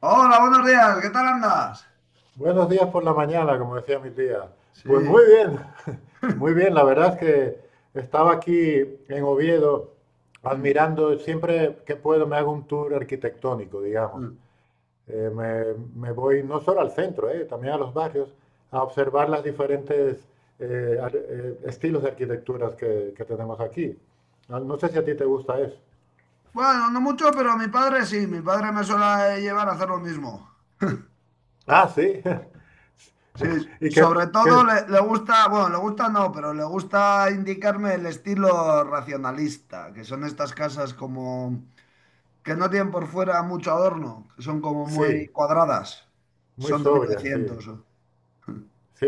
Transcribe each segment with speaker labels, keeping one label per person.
Speaker 1: Hola, buenos días, ¿qué tal andas?
Speaker 2: Buenos días por la mañana, como decía mi tía. Pues muy
Speaker 1: Sí.
Speaker 2: bien, muy bien. La verdad es que estaba aquí en Oviedo admirando, siempre que puedo me hago un tour arquitectónico, digamos. Eh, me, me voy no solo al centro, también a los barrios, a observar las diferentes estilos de arquitecturas que tenemos aquí. Ah, no sé si a ti te gusta eso.
Speaker 1: Bueno, no mucho, pero mi padre sí, mi padre me suele llevar a hacer lo mismo.
Speaker 2: Ah, sí.
Speaker 1: Sí,
Speaker 2: Y que,
Speaker 1: sobre todo
Speaker 2: que-
Speaker 1: le gusta, bueno, le gusta no, pero le gusta indicarme el estilo racionalista, que son estas casas como que no tienen por fuera mucho adorno, que son como muy
Speaker 2: sí,
Speaker 1: cuadradas,
Speaker 2: muy
Speaker 1: son de mil
Speaker 2: sobria, sí.
Speaker 1: novecientos.
Speaker 2: Sí,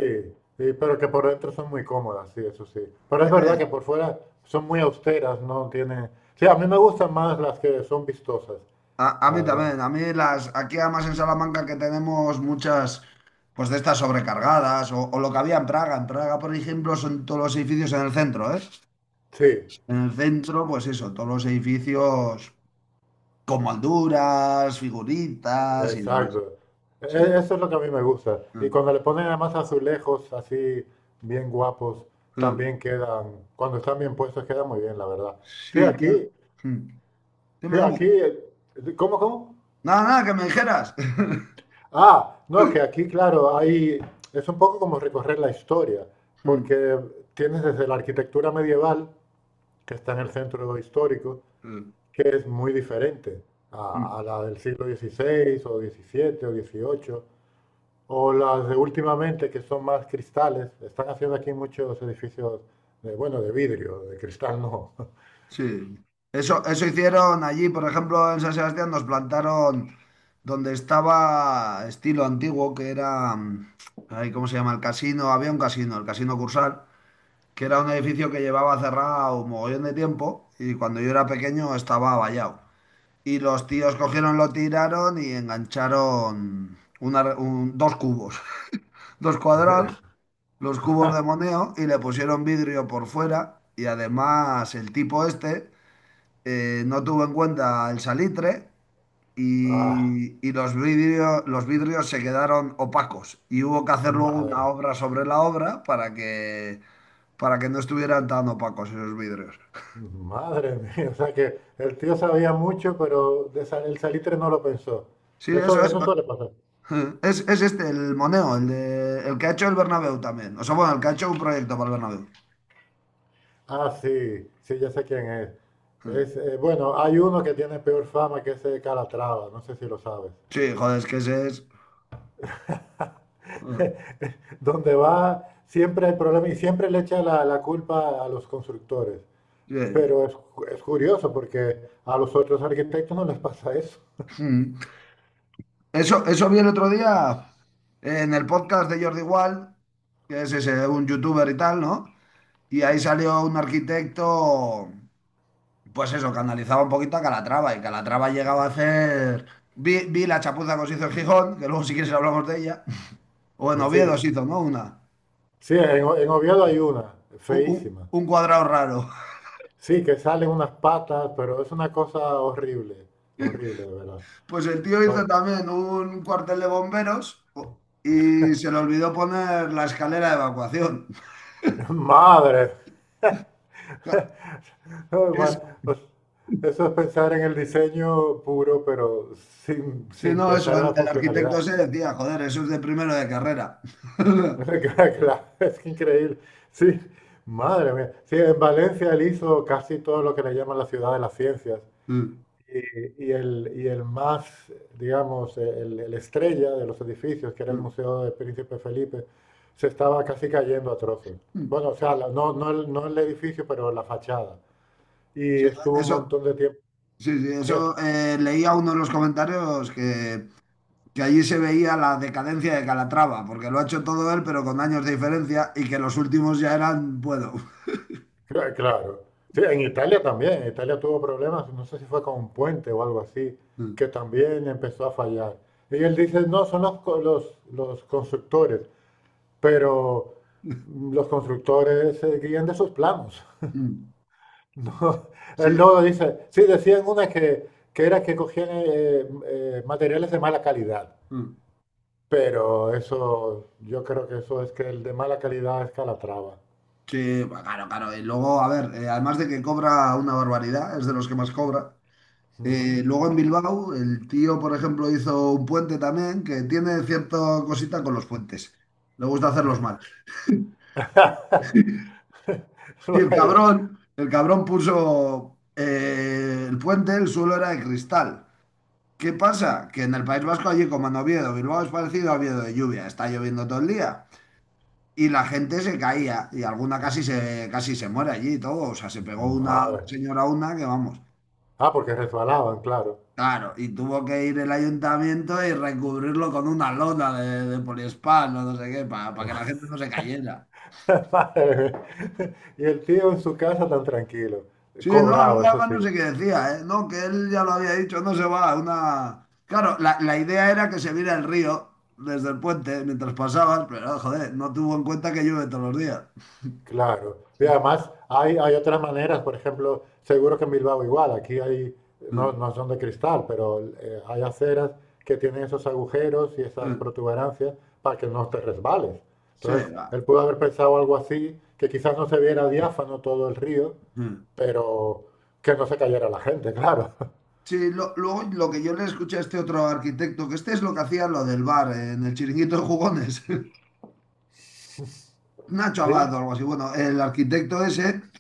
Speaker 2: sí, pero que por dentro son muy cómodas, sí, eso sí. Pero es verdad que por fuera son muy austeras, no tienen. Sí, a mí me gustan más las que son vistosas.
Speaker 1: A mí
Speaker 2: la- la-
Speaker 1: también, a mí las, aquí además en Salamanca que tenemos muchas, pues de estas sobrecargadas, o lo que había en Praga. En Praga, por ejemplo, son todos los edificios en el centro, ¿eh?
Speaker 2: Sí,
Speaker 1: En el centro, pues eso, todos los edificios con molduras, figuritas y demás.
Speaker 2: exacto.
Speaker 1: Sí.
Speaker 2: Eso es lo que a mí me gusta. Y
Speaker 1: Mm,
Speaker 2: cuando le ponen además azulejos así bien guapos,
Speaker 1: mm.
Speaker 2: también quedan, cuando están bien puestos, quedan muy bien, la verdad. Sí,
Speaker 1: Sí,
Speaker 2: aquí,
Speaker 1: mm.
Speaker 2: sí,
Speaker 1: Dime,
Speaker 2: aquí,
Speaker 1: dime.
Speaker 2: ¿cómo, cómo?
Speaker 1: Nada, nada, que me dijeras.
Speaker 2: Ah, no, que aquí, claro, hay, es un poco como recorrer la historia, porque tienes desde la arquitectura medieval, que está en el centro histórico,
Speaker 1: Mm,
Speaker 2: que es muy diferente a
Speaker 1: mm.
Speaker 2: la del siglo XVI o XVII o XVIII, o las de últimamente, que son más cristales. Están haciendo aquí muchos edificios, de, bueno, de vidrio, de cristal no.
Speaker 1: Sí. Eso hicieron allí, por ejemplo, en San Sebastián nos plantaron donde estaba estilo antiguo, que era, ay, ¿cómo se llama? El casino, había un casino, el Casino Cursal, que era un edificio que llevaba cerrado un mogollón de tiempo y cuando yo era pequeño estaba vallado. Y los tíos cogieron, lo tiraron y engancharon dos cubos, dos cuadrados, los cubos de Moneo y le pusieron vidrio por fuera y además el tipo este no tuvo en cuenta el salitre
Speaker 2: Ah,
Speaker 1: y los vidrios se quedaron opacos y hubo que hacer luego una
Speaker 2: madre.
Speaker 1: obra sobre la obra para que no estuvieran tan opacos esos vidrios.
Speaker 2: Madre mía, o sea que el tío sabía mucho, pero el salitre no lo pensó.
Speaker 1: Sí, eso
Speaker 2: Eso,
Speaker 1: es.
Speaker 2: eso suele pasar.
Speaker 1: Es este, el Moneo, el que ha hecho el Bernabéu también. O sea, bueno, el que ha hecho un proyecto para el Bernabéu.
Speaker 2: Ah, sí, sí, ya sé quién es. Bueno, hay uno que tiene peor fama que ese Calatrava, no sé si lo sabes.
Speaker 1: Sí, joder, es que ese es.
Speaker 2: Donde va, siempre hay problemas y siempre le echa la culpa a los constructores.
Speaker 1: Sí.
Speaker 2: Pero es curioso porque a los otros arquitectos no les pasa eso.
Speaker 1: Eso vi el otro día en el podcast de Jordi Wild, que es ese, un youtuber y tal, ¿no? Y ahí salió un arquitecto, pues eso, que analizaba un poquito a Calatrava. Y Calatrava llegaba a hacer. Vi la chapuza que se hizo en Gijón, que luego si quieres hablamos de ella. O en
Speaker 2: Y
Speaker 1: Oviedo
Speaker 2: sí,
Speaker 1: se hizo, ¿no? Una.
Speaker 2: sí, en Oviedo hay una,
Speaker 1: Un, un-
Speaker 2: feísima.
Speaker 1: un cuadrado raro.
Speaker 2: Sí, que salen unas patas, pero es una cosa horrible, horrible, de verdad.
Speaker 1: Pues el tío
Speaker 2: To-
Speaker 1: hizo también un cuartel de bomberos y se le olvidó poner la escalera de evacuación.
Speaker 2: Madre, ay,
Speaker 1: Que es-
Speaker 2: o s- eso es pensar en el diseño puro, pero
Speaker 1: Sí,
Speaker 2: sin
Speaker 1: no, eso,
Speaker 2: pensar en
Speaker 1: el,
Speaker 2: la
Speaker 1: el arquitecto
Speaker 2: funcionalidad.
Speaker 1: se decía, joder, eso es de primero de carrera.
Speaker 2: Claro, es increíble. Sí, madre mía. Sí, en Valencia él hizo casi todo lo que le llaman la ciudad de las ciencias. Y el más, digamos, el estrella de los edificios, que era el Museo de Príncipe Felipe, se estaba casi cayendo a trozos. Bueno, o sea, no, no, el, no el edificio, pero la fachada. Y
Speaker 1: Sí,
Speaker 2: estuvo un
Speaker 1: eso,
Speaker 2: montón de tiempo.
Speaker 1: sí, sí,
Speaker 2: Sí.
Speaker 1: eso, leía uno de los comentarios que allí se veía la decadencia de Calatrava, porque lo ha hecho todo él, pero con años de diferencia, y que los últimos ya eran, puedo.
Speaker 2: Claro. Sí, en Italia también. Italia tuvo problemas, no sé si fue con un puente o algo así,
Speaker 1: Mm,
Speaker 2: que también empezó a fallar. Y él dice, no, son los constructores, pero los constructores se guían de sus planos. No,
Speaker 1: Sí,
Speaker 2: él no dice. Sí, decían una que era que cogían materiales de mala calidad,
Speaker 1: mm,
Speaker 2: pero eso, yo creo que eso es que el de mala calidad es Calatrava.
Speaker 1: sí, bueno, claro, claro. Y luego, a ver, además de que cobra una barbaridad, es de los que más cobra. eh,
Speaker 2: Ujú.
Speaker 1: luego en Bilbao, el tío, por ejemplo, hizo un puente también, que tiene cierta cosita con los puentes. Le gusta hacerlos mal. Y el
Speaker 2: Vaya,
Speaker 1: cabrón, el cabrón puso el puente, el suelo era de cristal. ¿Qué pasa? Que en el País Vasco, allí como en Oviedo, Bilbao es parecido a Oviedo de lluvia, está lloviendo todo el día. Y la gente se caía, y alguna casi se muere allí y todo. O sea, se pegó una
Speaker 2: madre.
Speaker 1: señora una que vamos.
Speaker 2: Ah, porque resbalaban, claro.
Speaker 1: Claro, y tuvo que ir el ayuntamiento y recubrirlo con una lona de poliespán o no sé qué, para que la gente no se cayera.
Speaker 2: Madre mía. Y el tío en su casa tan tranquilo,
Speaker 1: Sí, no,
Speaker 2: cobrado,
Speaker 1: Luna
Speaker 2: eso
Speaker 1: más
Speaker 2: sí.
Speaker 1: no sé qué decía, ¿eh? No, que él ya lo había dicho, no se va, una. Claro, la idea era que se viera el río desde el puente mientras pasabas, pero joder, no tuvo en cuenta que llueve todos los días.
Speaker 2: Claro. Y además hay otras maneras, por ejemplo, seguro que en Bilbao igual, aquí hay, no, no son de cristal, pero hay aceras que tienen esos agujeros y esas protuberancias para que no te resbales.
Speaker 1: Sí,
Speaker 2: Entonces,
Speaker 1: va.
Speaker 2: él pudo haber pensado algo así, que quizás no se viera diáfano todo el río, pero que no se cayera la gente, claro.
Speaker 1: Sí, luego lo que yo le escuché a este otro arquitecto, que este es lo que hacía lo del bar, en el chiringuito de jugones, Nacho Abad
Speaker 2: Sí,
Speaker 1: o algo así. Bueno, el arquitecto ese,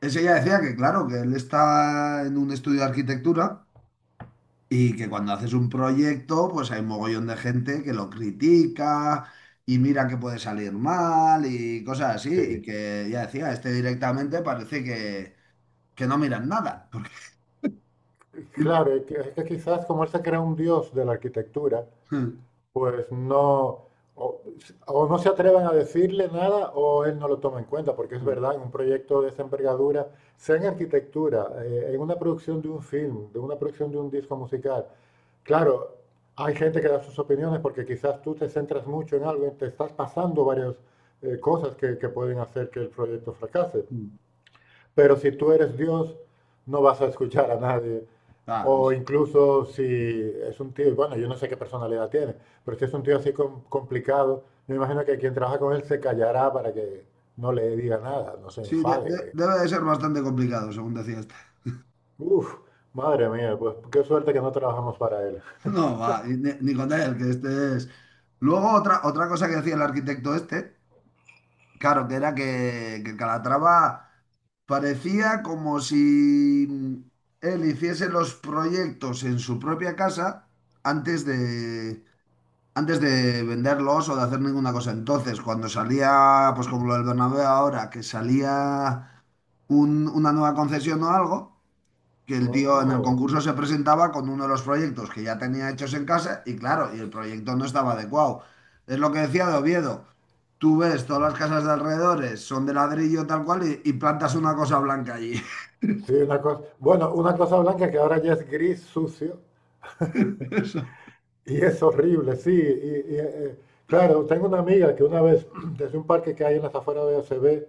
Speaker 1: ese ya decía que claro, que él está en un estudio de arquitectura y que cuando haces un proyecto, pues hay un mogollón de gente que lo critica y mira que puede salir mal y cosas así. Y
Speaker 2: sí.
Speaker 1: que ya decía, este directamente parece que no miran nada. Porque.
Speaker 2: Claro, y es que quizás como él se crea un dios de la arquitectura. Pues no, o, o no se atreven a decirle nada o él no lo toma en cuenta, porque es verdad, en un proyecto de esa envergadura, sea en arquitectura, en una producción de un film, de una producción de un disco musical, claro, hay gente que da sus opiniones porque quizás tú te centras mucho en algo y te estás pasando varias cosas que pueden hacer que el proyecto fracase. Pero si tú eres Dios, no vas a escuchar a nadie.
Speaker 1: Claro,
Speaker 2: O incluso si es un tío, bueno, yo no sé qué personalidad tiene, pero si es un tío así complicado, me imagino que quien trabaja con él se callará para que no le diga nada, no se
Speaker 1: sí, de- de-
Speaker 2: enfade.
Speaker 1: debe de ser bastante complicado, según decía este.
Speaker 2: Uf, madre mía, pues qué suerte que no trabajamos para él.
Speaker 1: No, va, y ni con él, que este es. Luego, otra cosa que decía el arquitecto este. Claro, que era que Calatrava parecía como si él hiciese los proyectos en su propia casa antes de, antes de venderlos o de hacer ninguna cosa. Entonces, cuando salía, pues como lo del Bernabéu ahora, que salía una nueva concesión o algo, que el tío en el
Speaker 2: Oh,
Speaker 1: concurso se presentaba con uno de los proyectos que ya tenía hechos en casa y claro, y el proyecto no estaba adecuado. Es lo que decía de Oviedo. Tú ves todas las casas de alrededores, son de ladrillo tal cual y plantas una cosa blanca allí.
Speaker 2: sí, una cosa, bueno, una cosa blanca que ahora ya es gris sucio
Speaker 1: Eso.
Speaker 2: y es horrible, sí. Claro, tengo una amiga que una vez, desde un parque que hay en las afueras de OCB,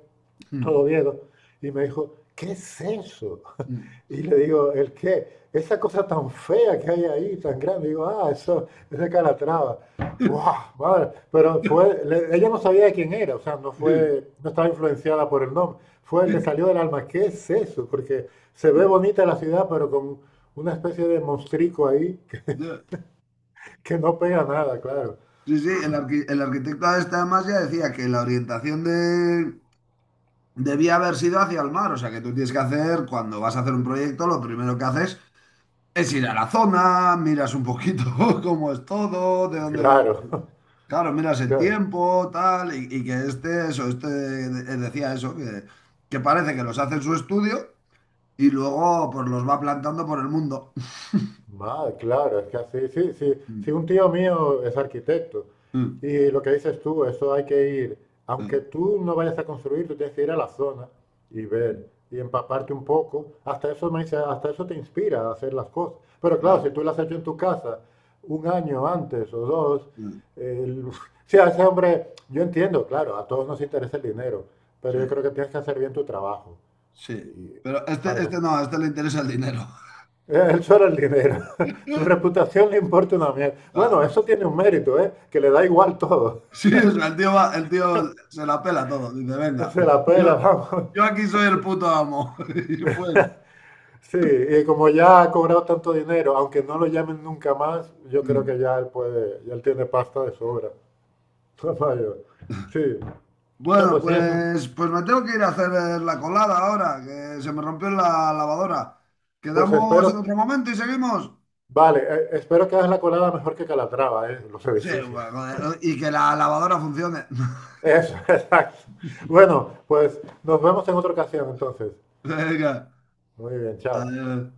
Speaker 2: todo Oviedo. Y me dijo, ¿qué es eso? Y le digo, ¿el qué? Esa cosa tan fea que hay ahí, tan grande. Digo, ah, eso es de Calatrava. ¡Wow! Madre. Pero ella no sabía de quién era, o sea, no fue, no estaba influenciada por el nombre. Fue, le salió del alma, ¿qué es eso? Porque se ve bonita la ciudad, pero con una especie de monstrico ahí que no pega nada, claro.
Speaker 1: Sí, sí, el arquitecto este además ya decía que la orientación de. Debía haber sido hacia el mar, o sea que tú tienes que hacer, cuando vas a hacer un proyecto, lo primero que haces es ir a la zona, miras un poquito cómo es todo, de dónde viene.
Speaker 2: Claro.
Speaker 1: Claro, miras el
Speaker 2: Claro.
Speaker 1: tiempo, tal, y que este, eso, decía eso, que parece que los hace en su estudio y luego pues los va plantando por el mundo.
Speaker 2: Madre, claro, es que así, sí, sí. Si
Speaker 1: Mm,
Speaker 2: un tío mío es arquitecto
Speaker 1: mm,
Speaker 2: y lo que dices tú, eso hay que ir,
Speaker 1: eh,
Speaker 2: aunque tú no vayas a construir, tú tienes que ir a la zona y
Speaker 1: mm,
Speaker 2: ver y empaparte un poco. Hasta eso me dice, hasta eso te inspira a hacer las cosas. Pero claro, si
Speaker 1: claro,
Speaker 2: tú lo has hecho en tu casa un año antes o dos,
Speaker 1: mm,
Speaker 2: el- sí, a ese hombre, yo entiendo, claro, a todos nos interesa el dinero, pero
Speaker 1: sí,
Speaker 2: yo creo que tienes que hacer bien tu trabajo
Speaker 1: sí.
Speaker 2: y-
Speaker 1: Pero este,
Speaker 2: para que
Speaker 1: este no, a este le interesa el dinero.
Speaker 2: él solo el dinero. Su reputación le importa una mierda. Bueno,
Speaker 1: Claro.
Speaker 2: eso tiene un mérito, ¿eh? Que le da igual todo.
Speaker 1: Sí, o sea, el tío se la pela todo, dice, venga,
Speaker 2: Se la pela,
Speaker 1: yo,
Speaker 2: vamos.
Speaker 1: yo aquí soy el puto amo. Y fuera.
Speaker 2: Sí, y como ya ha cobrado tanto dinero, aunque no lo llamen nunca más, yo creo
Speaker 1: Mm.
Speaker 2: que ya él puede, ya él tiene pasta de sobra. Vaya, sí. O sea,
Speaker 1: Bueno,
Speaker 2: pues sí.
Speaker 1: pues me tengo que ir a hacer la colada ahora, que se me rompió la lavadora.
Speaker 2: Pues
Speaker 1: ¿Quedamos en
Speaker 2: espero,
Speaker 1: otro momento y seguimos?
Speaker 2: vale, espero que hagas la colada mejor que Calatrava, ¿eh? Los
Speaker 1: Sí,
Speaker 2: edificios.
Speaker 1: bueno, joder, y que la lavadora funcione.
Speaker 2: Eso, exacto. Bueno, pues nos vemos en otra ocasión entonces.
Speaker 1: Venga,
Speaker 2: Muy bien, chao.
Speaker 1: adiós.